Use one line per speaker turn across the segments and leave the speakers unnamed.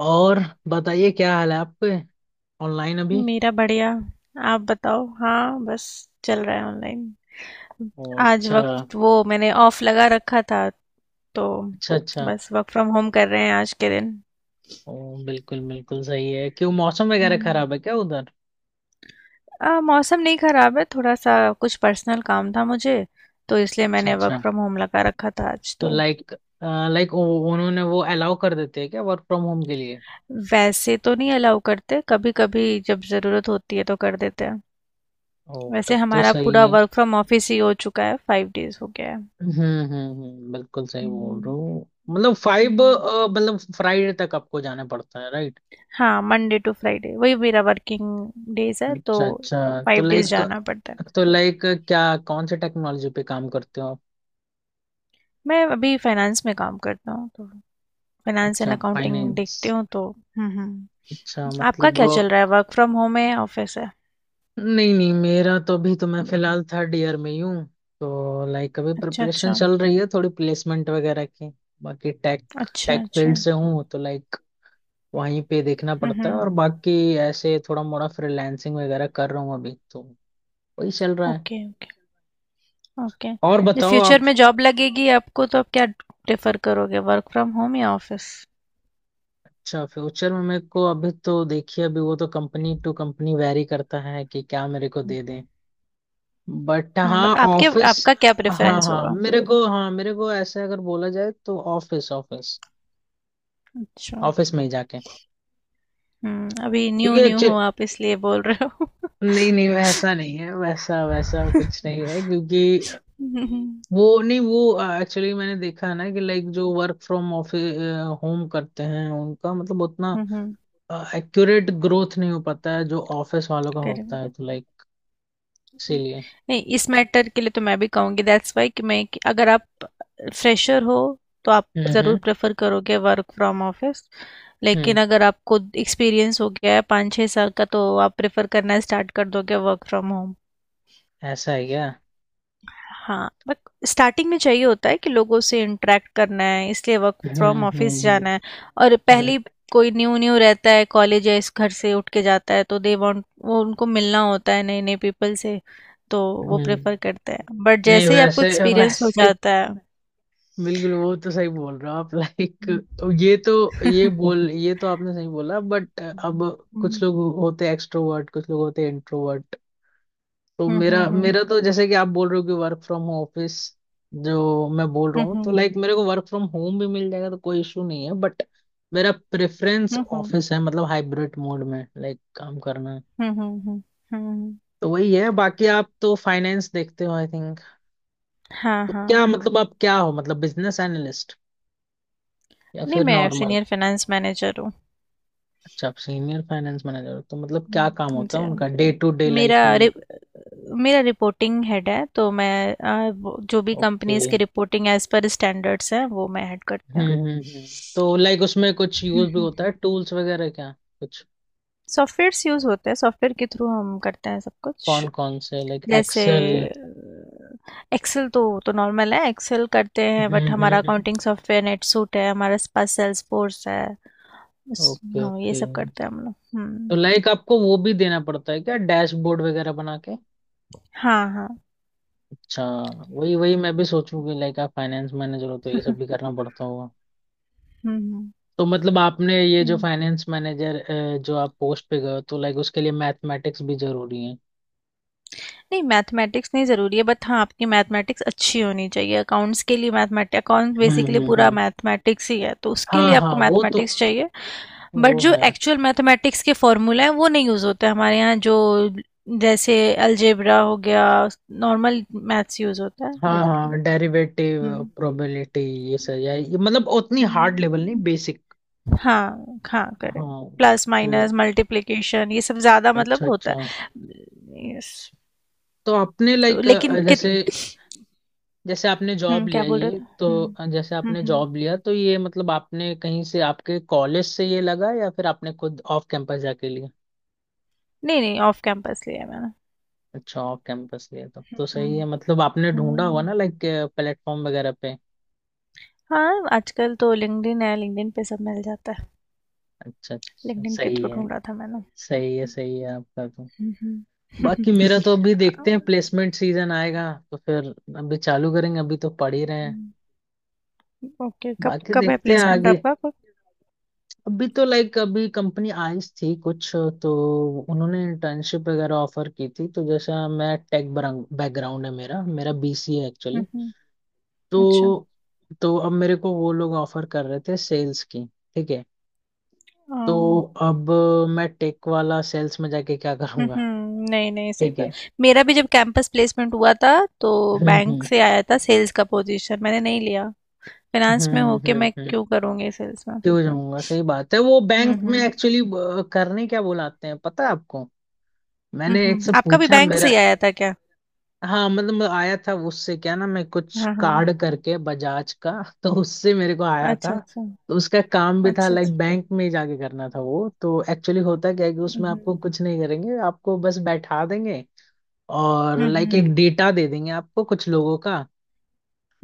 और बताइए, क्या हाल है आपके? ऑनलाइन अभी?
मेरा बढ़िया। आप बताओ। हाँ बस चल रहा है ऑनलाइन।
ओ
आज
अच्छा।
वक्त वो मैंने ऑफ लगा रखा था तो
अच्छा अच्छा।
बस वर्क फ्रॉम होम कर रहे हैं आज के दिन।
ओ बिल्कुल बिल्कुल सही है। क्यों, मौसम वगैरह
हम्म।
खराब है क्या उधर?
मौसम नहीं खराब है थोड़ा सा। कुछ पर्सनल काम था मुझे तो इसलिए
अच्छा
मैंने वर्क
अच्छा।
फ्रॉम होम लगा रखा था आज
तो
तो।
लाइक लाइक उन्होंने वो अलाउ कर देते हैं क्या वर्क फ्रॉम होम के लिए?
वैसे तो नहीं अलाउ करते, कभी कभी जब ज़रूरत होती है तो कर देते हैं।
ओ,
वैसे
तब तो
हमारा
सही
पूरा
है।
वर्क फ्रॉम ऑफिस ही हो चुका है, फाइव डेज हो गया है।
हम्म हम्म। बिल्कुल सही बोल
हम्म
रहा हूँ, मतलब फाइव
हम्म।
मतलब फ्राइडे तक आपको जाना पड़ता है, राइट?
हाँ मंडे टू फ्राइडे वही मेरा वर्किंग डेज है तो
अच्छा अच्छा। तो
फाइव डेज
लाइक
जाना पड़ता है।
तो लाइक क्या कौन से टेक्नोलॉजी पे काम करते हो आप?
मैं अभी फाइनेंस में काम करता हूँ, तो फाइनेंस एंड
अच्छा,
अकाउंटिंग देखती
फाइनेंस।
हूँ तो। हम्म।
अच्छा,
आपका
मतलब
क्या
वो।
चल रहा है? वर्क फ्रॉम होम है, ऑफिस है?
नहीं नहीं, मेरा तो, अभी तो मैं फिलहाल थर्ड ईयर में ही हूँ। तो लाइक, अभी
अच्छा
प्रिपरेशन
अच्छा।
चल रही है थोड़ी, प्लेसमेंट वगैरह की। बाकी टेक
अच्छा
टेक
अच्छा।
फील्ड से हूँ, तो लाइक वहीं पे देखना पड़ता है।
हम्म।
और बाकी ऐसे थोड़ा मोड़ा फ्रीलांसिंग वगैरह कर रहा हूँ, अभी तो वही चल रहा है।
Okay okay. ओके।
और
जब
बताओ
फ्यूचर
आप।
में जॉब लगेगी आपको तो आप क्या प्रेफर करोगे, वर्क फ्रॉम होम या ऑफिस?
अच्छा, फ्यूचर में मेरे को, अभी तो देखिए, अभी वो तो कंपनी टू कंपनी वेरी करता है कि क्या मेरे को दे दें, बट हाँ,
बट आपके,
ऑफिस।
आपका क्या
हाँ
प्रेफरेंस
हाँ
होगा?
मेरे को, मेरे को ऐसे अगर बोला जाए तो ऑफिस, ऑफिस,
अच्छा।
ऑफिस में ही जाके।
अभी न्यू
क्योंकि
न्यू
अच्छे,
हो आप इसलिए बोल रहे
नहीं नहीं, वैसा नहीं है, वैसा वैसा
हो?
कुछ नहीं है। क्योंकि
हुँ, हुँ,
वो नहीं वो एक्चुअली मैंने देखा है ना कि लाइक जो वर्क फ्रॉम ऑफिस होम करते हैं, उनका मतलब उतना
हुँ, हुँ,
एक्यूरेट ग्रोथ नहीं हो पाता है जो ऑफिस वालों का होता है।
करेक्ट।
तो लाइक, इसीलिए।
नहीं इस मैटर के लिए तो मैं भी कहूँगी दैट्स वाई कि मैं कि अगर आप फ्रेशर हो तो आप
हम्म
ज़रूर
हम्म
प्रेफर करोगे वर्क फ्रॉम ऑफिस। लेकिन
हम्म।
अगर आपको एक्सपीरियंस हो गया है पाँच छः साल का तो आप प्रेफर करना स्टार्ट कर दोगे वर्क फ्रॉम होम।
ऐसा है क्या?
हाँ बट स्टार्टिंग में चाहिए होता है कि लोगों से इंटरेक्ट करना है, इसलिए work
hmm
from
hmm
office जाना है।
हम्म
और
हम्म
पहली कोई न्यू न्यू रहता है कॉलेज या इस घर से उठ के जाता है तो दे वांट, वो उनको मिलना होता है नए नए पीपल से, तो वो प्रेफर
हम्म।
करते हैं। बट
नहीं,
जैसे ही आपको
वैसे
एक्सपीरियंस हो
वैसे
जाता है।
बिल्कुल, वो तो सही बोल रहे हो आप। लाइक,
हम्म
ये तो ये तो आपने सही बोला, बट अब कुछ
हम्म
लोग होते एक्सट्रोवर्ट, कुछ लोग होते इंट्रोवर्ट। तो
हम्म
मेरा
हम्म
मेरा तो जैसे कि आप बोल रहे हो कि वर्क फ्रॉम ऑफिस, जो मैं बोल रहा हूँ, तो
हम्म
लाइक मेरे को वर्क फ्रॉम होम भी मिल जाएगा तो कोई इशू नहीं है, बट मेरा प्रेफरेंस
हम्म हम्म
ऑफिस है, मतलब हाइब्रिड मोड में लाइक काम करना है।
हम्म हम्म, हम्म, हम्म,
तो वही है। बाकी आप तो फाइनेंस देखते हो, आई थिंक।
हाँ
तो
हाँ।
क्या मतलब, आप क्या हो, मतलब बिजनेस एनालिस्ट या
नहीं
फिर
मैं
नॉर्मल?
सीनियर फाइनेंस मैनेजर हूँ।
अच्छा, आप सीनियर फाइनेंस मैनेजर, तो मतलब क्या काम होता
जी
है
हाँ।
उनका डे टू डे लाइफ
मेरा,
में?
मेरा रिपोर्टिंग हेड है तो मैं जो भी
ओके।
कंपनीज की रिपोर्टिंग एज पर स्टैंडर्ड्स है वो मैं हेड करती
हम्म
हूँ।
हम्म हम्म। तो लाइक उसमें कुछ यूज भी
हम्म।
होता है, टूल्स वगैरह क्या कुछ?
सॉफ्टवेयर्स यूज होते हैं, सॉफ्टवेयर के थ्रू हम करते हैं सब
कौन
कुछ।
कौन से? लाइक
जैसे
एक्सेल?
एक्सेल तो नॉर्मल है, एक्सेल करते हैं,
हम्म
बट हमारा
हम्म।
अकाउंटिंग सॉफ्टवेयर नेटसूट है, हमारे पास सेल्सफोर्स है। बस,
ओके
हाँ ये
ओके।
सब करते हैं हम लोग।
तो लाइक आपको वो भी देना पड़ता है क्या, डैशबोर्ड वगैरह बना के?
हाँ हाँ।
अच्छा। वही वही मैं भी सोचूं कि लाइक आप फाइनेंस मैनेजर हो, तो ये सब
हम्म
भी करना पड़ता होगा।
हम्म
तो मतलब आपने ये जो
हम्म।
फाइनेंस मैनेजर जो आप पोस्ट पे गए हो, तो लाइक उसके लिए मैथमेटिक्स भी जरूरी है?
नहीं मैथमेटिक्स नहीं ज़रूरी है बट हाँ, आपकी मैथमेटिक्स अच्छी होनी चाहिए। अकाउंट्स के लिए मैथमेट अकाउंट बेसिकली पूरा
हम्म।
मैथमेटिक्स ही है, तो उसके लिए
हाँ हाँ,
आपको
वो तो
मैथमेटिक्स चाहिए। बट
वो
जो
है।
एक्चुअल मैथमेटिक्स के फॉर्मूला हैं वो नहीं यूज़ होते हमारे यहाँ। जो जैसे अलजेब्रा हो गया, नॉर्मल मैथ्स यूज़ होता है
हाँ
बेसिकली।
हाँ, डेरिवेटिव,
हम्म
प्रोबेबिलिटी, ये सही है? ये मतलब उतनी हार्ड लेवल नहीं, बेसिक।
हाँ हाँ करेक्ट।
हाँ।
प्लस
तो
माइनस मल्टीप्लिकेशन ये सब ज़्यादा मतलब
अच्छा
होता
अच्छा।
है, यस।
तो आपने
तो
लाइक,
लेकिन कित
जैसे जैसे आपने जॉब
क्या
लिया
बोल रहे
ये
थे।
तो
हम्म
अ, जैसे आपने
हम्म।
जॉब लिया, तो ये मतलब आपने कहीं से, आपके कॉलेज से ये लगा या फिर आपने खुद ऑफ कैंपस जाके लिया?
नहीं नहीं ऑफ कैंपस लिया है मैंने।
अच्छा, ऑफ कैंपस लिया, तो सही है।
हम्म
मतलब आपने ढूंढा हुआ
हम्म।
ना लाइक, प्लेटफॉर्म वगैरह पे?
हाँ आजकल तो लिंक्डइन है, लिंक्डइन पे सब मिल जाता है।
अच्छा अच्छा,
लिंक्डइन के
सही
थ्रू
है,
ढूंढा था मैंने।
सही है। सही है आपका तो।
हम्म हम्म।
बाकी मेरा तो अभी देखते हैं, प्लेसमेंट सीजन आएगा तो फिर अभी चालू करेंगे, अभी तो पढ़ ही रहे हैं।
ओके कब
बाकी
कब है
देखते हैं
प्लेसमेंट
आगे।
आपका, कब?
अभी तो लाइक, अभी कंपनी आई थी कुछ, तो उन्होंने इंटर्नशिप वगैरह ऑफर की थी। तो जैसा, मैं टेक बैकग्राउंड है मेरा मेरा बीसी है एक्चुअली।
हम्म अच्छा
तो तो अब मेरे को वो लोग ऑफर कर रहे थे सेल्स की। ठीक है,
अ,
तो अब मैं टेक वाला सेल्स में जाके क्या करूंगा?
नहीं नहीं सही
ठीक
बात।
है।
मेरा भी जब कैंपस प्लेसमेंट हुआ था तो
हम्म
बैंक
हम्म
से आया था सेल्स का पोजीशन, मैंने नहीं लिया। फाइनेंस में होके मैं
हम्म।
क्यों करूँगी सेल्स में?
क्यों जाऊंगा, सही बात है। वो
हम्म
बैंक में
हम्म
एक्चुअली, करने क्या बुलाते हैं पता है आपको? मैंने एक
हम्म।
से
आपका भी
पूछा
बैंक से
मेरा।
ही आया था क्या?
हाँ, मतलब आया था। उससे क्या ना, मैं कुछ
हाँ हाँ।
कार्ड करके बजाज का तो उससे मेरे को आया
अच्छा,
था।
अच्छा।
तो उसका काम भी था
अच्छा, अच्छा।
लाइक बैंक में ही जाके करना था। वो तो एक्चुअली होता क्या है कि
हुँ,
उसमें आपको
हुँ।
कुछ नहीं करेंगे, आपको बस बैठा देंगे, और
हुँ,
लाइक
हुँ।
एक डेटा दे देंगे आपको, कुछ लोगों का,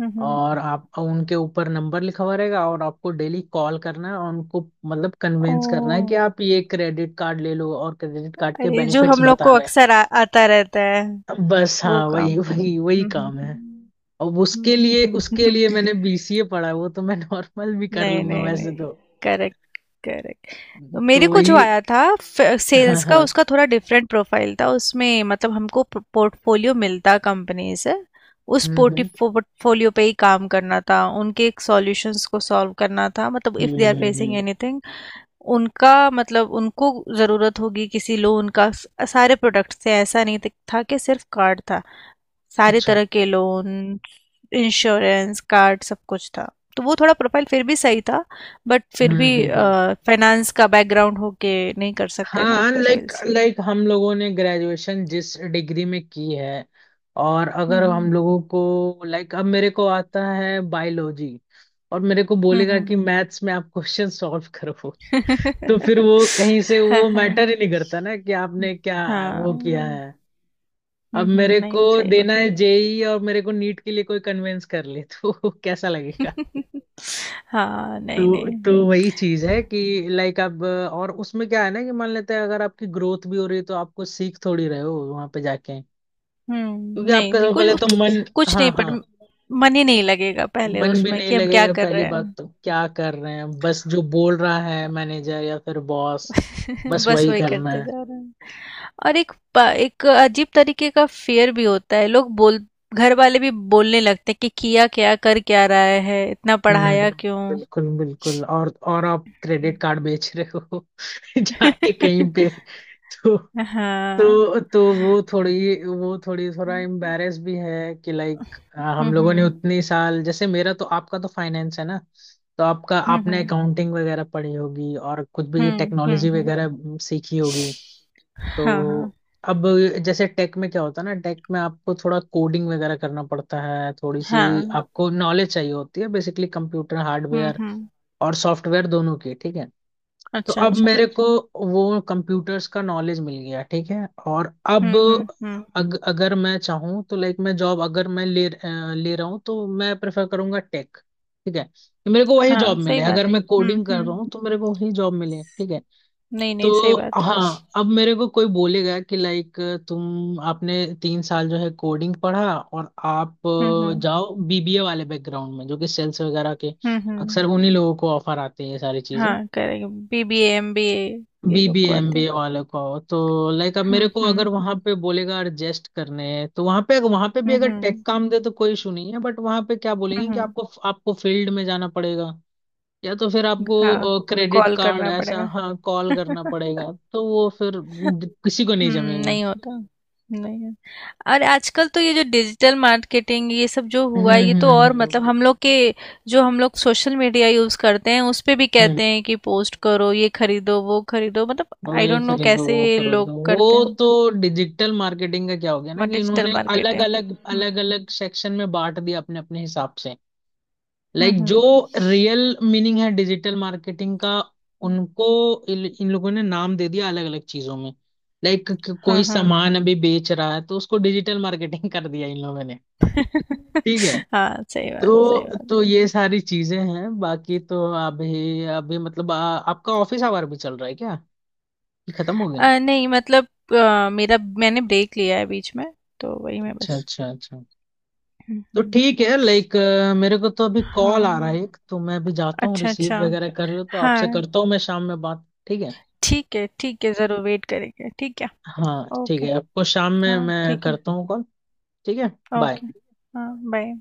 हुँ, हुँ।
और आप, उनके ऊपर नंबर लिखा हुआ रहेगा और आपको डेली कॉल करना है और उनको मतलब कन्विंस करना है कि
ओह!
आप ये क्रेडिट कार्ड ले लो और क्रेडिट कार्ड के
अरे, जो
बेनिफिट्स
हम लोग को
बताने
अक्सर आ आता रहता है,
हैं, बस।
वो
हाँ,
काम।
वही वही वही
हुँ, हुँ,
काम है।
हुँ।
अब
हुँ,
उसके
हुँ,
लिए उसके
हुँ।
लिए मैंने बीसीए पढ़ा है, वो तो मैं नॉर्मल भी कर
नहीं,
लूंगा
नहीं, नहीं।
वैसे तो।
Correct, correct. तो मेरे
तो
को जो
वही।
आया था फ
हाँ
सेल्स का,
हाँ।
उसका थोड़ा डिफरेंट प्रोफाइल था। उसमें मतलब हमको प पोर्टफोलियो मिलता कंपनी से। उस
हम्म
पोर्टि
हम्म
पोर्टफोलियो पे ही काम करना था। उनके सॉल्यूशंस को सॉल्व करना था। मतलब if they are facing
hmm.
Anything, उनका मतलब उनको ज़रूरत होगी किसी लोन का, स सारे प्रोडक्ट्स थे, ऐसा नहीं त था कि सिर्फ़ कार्ड था। सारे
अच्छा।
तरह के लोन, इंश्योरेंस, कार्ड सब कुछ था। तो वो थोड़ा प्रोफ़ाइल फिर भी सही था, बट फिर भी
हम्म।
फाइनेंस का बैकग्राउंड होके नहीं कर सकते ना
हाँ, लाइक
सेल्स।
लाइक हम लोगों ने ग्रेजुएशन जिस डिग्री में की है, और
हुँ,
अगर हम
हुँ।
लोगों को लाइक, अब मेरे को आता है बायोलॉजी और मेरे को
हुँ,
बोलेगा
हुँ।
कि मैथ्स में आप क्वेश्चन सॉल्व करो तो फिर वो कहीं से,
हाँ,
वो
हाँ।
मैटर ही नहीं करता ना कि
हुँ,
आपने क्या
हाँ।
वो किया है।
हुँ,
अब
हुँ,
मेरे को
नहीं सही
देना
बात।
है जेई और मेरे को नीट के लिए कोई कन्वेंस कर ले तो कैसा लगेगा?
हाँ, नहीं,
तो
नहीं।
तो वही चीज है कि लाइक आप। और उसमें क्या है ना कि मान लेते हैं, अगर आपकी ग्रोथ भी हो रही है, तो आपको सीख थोड़ी रहे हो वहां पे जाके। क्योंकि
नहीं
आपका
नहीं
सबसे
कुछ
पहले तो मन।
कुछ
हाँ
नहीं
हाँ,
पर, मन ही नहीं लगेगा पहले
मन भी
उसमें
नहीं
कि हम क्या
लगेगा,
कर
पहली
रहे
बात। तो क्या कर रहे हैं, बस जो बोल रहा है मैनेजर या फिर बॉस,
हैं।
बस
बस
वही
वही
करना
करते
है।
जा रहे हैं। और एक एक अजीब तरीके का फेयर भी होता है, लोग बोल घर वाले भी बोलने लगते हैं कि किया क्या, कर क्या रहा है, इतना
हम्म
पढ़ाया
हम्म,
क्यों।
बिल्कुल बिल्कुल। और आप क्रेडिट कार्ड बेच रहे हो जाके कहीं पे? तो
हाँ
तो वो थोड़ी थोड़ा
हम्म
एम्बैरेस भी है कि लाइक हम लोगों ने
हम्म
उतनी साल, जैसे मेरा तो, आपका तो फाइनेंस है ना, तो आपका
हम्म
आपने
हम्म
अकाउंटिंग वगैरह पढ़ी होगी और कुछ भी
हम्म हम्म
टेक्नोलॉजी
हम्म।
वगैरह सीखी होगी।
हाँ हाँ
तो अब जैसे टेक में क्या होता है ना, टेक में आपको थोड़ा कोडिंग वगैरह करना पड़ता है थोड़ी सी।
हाँ
आपको नॉलेज चाहिए होती है बेसिकली, कंप्यूटर हार्डवेयर
हम्म।
और सॉफ्टवेयर दोनों की, ठीक है। तो
अच्छा
अब
अच्छा।
मेरे को वो कंप्यूटर्स का नॉलेज मिल गया, ठीक है, और अब
हम्म।
अगर मैं चाहूँ तो लाइक मैं जॉब, अगर मैं ले रहा हूँ, तो मैं प्रेफर करूंगा टेक, ठीक है, कि मेरे को वही
हाँ
जॉब
सही
मिले, अगर
बात है।
मैं कोडिंग कर रहा
हम्म।
हूँ तो मेरे को वही जॉब मिले, ठीक है।
नहीं,
तो
नहीं, सही बात
हाँ, अब मेरे को कोई बोलेगा कि लाइक, तुम आपने तीन साल जो है कोडिंग पढ़ा और आप
है। हुँ, हुँ।
जाओ बीबीए वाले बैकग्राउंड में, जो कि सेल्स वगैरह के
हुँ,
अक्सर
हुँ।
उन्हीं लोगों को ऑफर आते हैं ये सारी चीजें,
हाँ, करेक्ट। बीबीए, एमबीए ये लोग को आते
बीबीएमबी
हैं।
वाले को। तो लाइक अब मेरे
हुँ,
को अगर
हुँ।
वहां पे बोलेगा एडजस्ट करने हैं, तो वहां पे भी
हुँ,
अगर टेक
हुँ।
काम दे तो कोई इशू नहीं है, बट वहां पे क्या
हुँ,
बोलेंगे कि
हुँ।
आपको आपको फील्ड में जाना पड़ेगा, या तो फिर
हाँ,
आपको क्रेडिट
कॉल
कार्ड
करना
ऐसा
पड़ेगा।
हाँ कॉल करना पड़ेगा, तो वो फिर किसी को
हुँ,
नहीं जमेगा।
नहीं होता। नहीं। और आजकल तो ये जो डिजिटल मार्केटिंग ये सब जो
हम्म
हुआ है ये तो,
हम्म
और मतलब
हम्म
हम लोग के, जो हम लोग सोशल मीडिया यूज़ करते हैं उस पे भी
हम्म,
कहते हैं कि पोस्ट करो, ये खरीदो, वो खरीदो, मतलब
वो
आई
ये
डोंट नो
खरीदो वो
कैसे लोग
खरीदो, वो
करते हैं
तो डिजिटल मार्केटिंग का क्या हो गया ना कि
डिजिटल
इन्होंने अलग अलग
मार्केटिंग।
अलग अलग सेक्शन में बांट दिया अपने अपने हिसाब से।
हुँ,
लाइक जो
हुँ।
रियल मीनिंग है डिजिटल मार्केटिंग का, उनको इन इन लोगों ने नाम दे दिया अलग अलग चीजों में। लाइक
हाँ,
कोई
हाँ।
सामान अभी बेच रहा है तो उसको डिजिटल मार्केटिंग कर दिया इन लोगों ने। ठीक है,
हाँ, सही बात, सही
तो
बात।
तो ये सारी चीजें हैं। बाकी तो अभी अभी मतलब, आपका ऑफिस आवर भी चल रहा है क्या? ये खत्म हो गया?
नहीं मतलब मेरा, मैंने ब्रेक लिया है बीच में, तो वही मैं
अच्छा
बस।
अच्छा अच्छा।
हुँ,
तो
हुँ।
ठीक है लाइक, मेरे को तो अभी कॉल आ रहा है
हाँ।
एक, तो मैं अभी जाता हूँ,
अच्छा, अच्छा।
रिसीव वगैरह कर लो, तो आपसे
हाँ,
करता हूँ मैं शाम में बात, ठीक है।
ठीक है, ज़रूर वेट करेंगे। ठीक है,
हाँ ठीक
ओके।
है, आपको शाम में
हाँ,
मैं
ठीक है,
करता हूँ कॉल। ठीक है। बाय।
ओके। हाँ, बाय।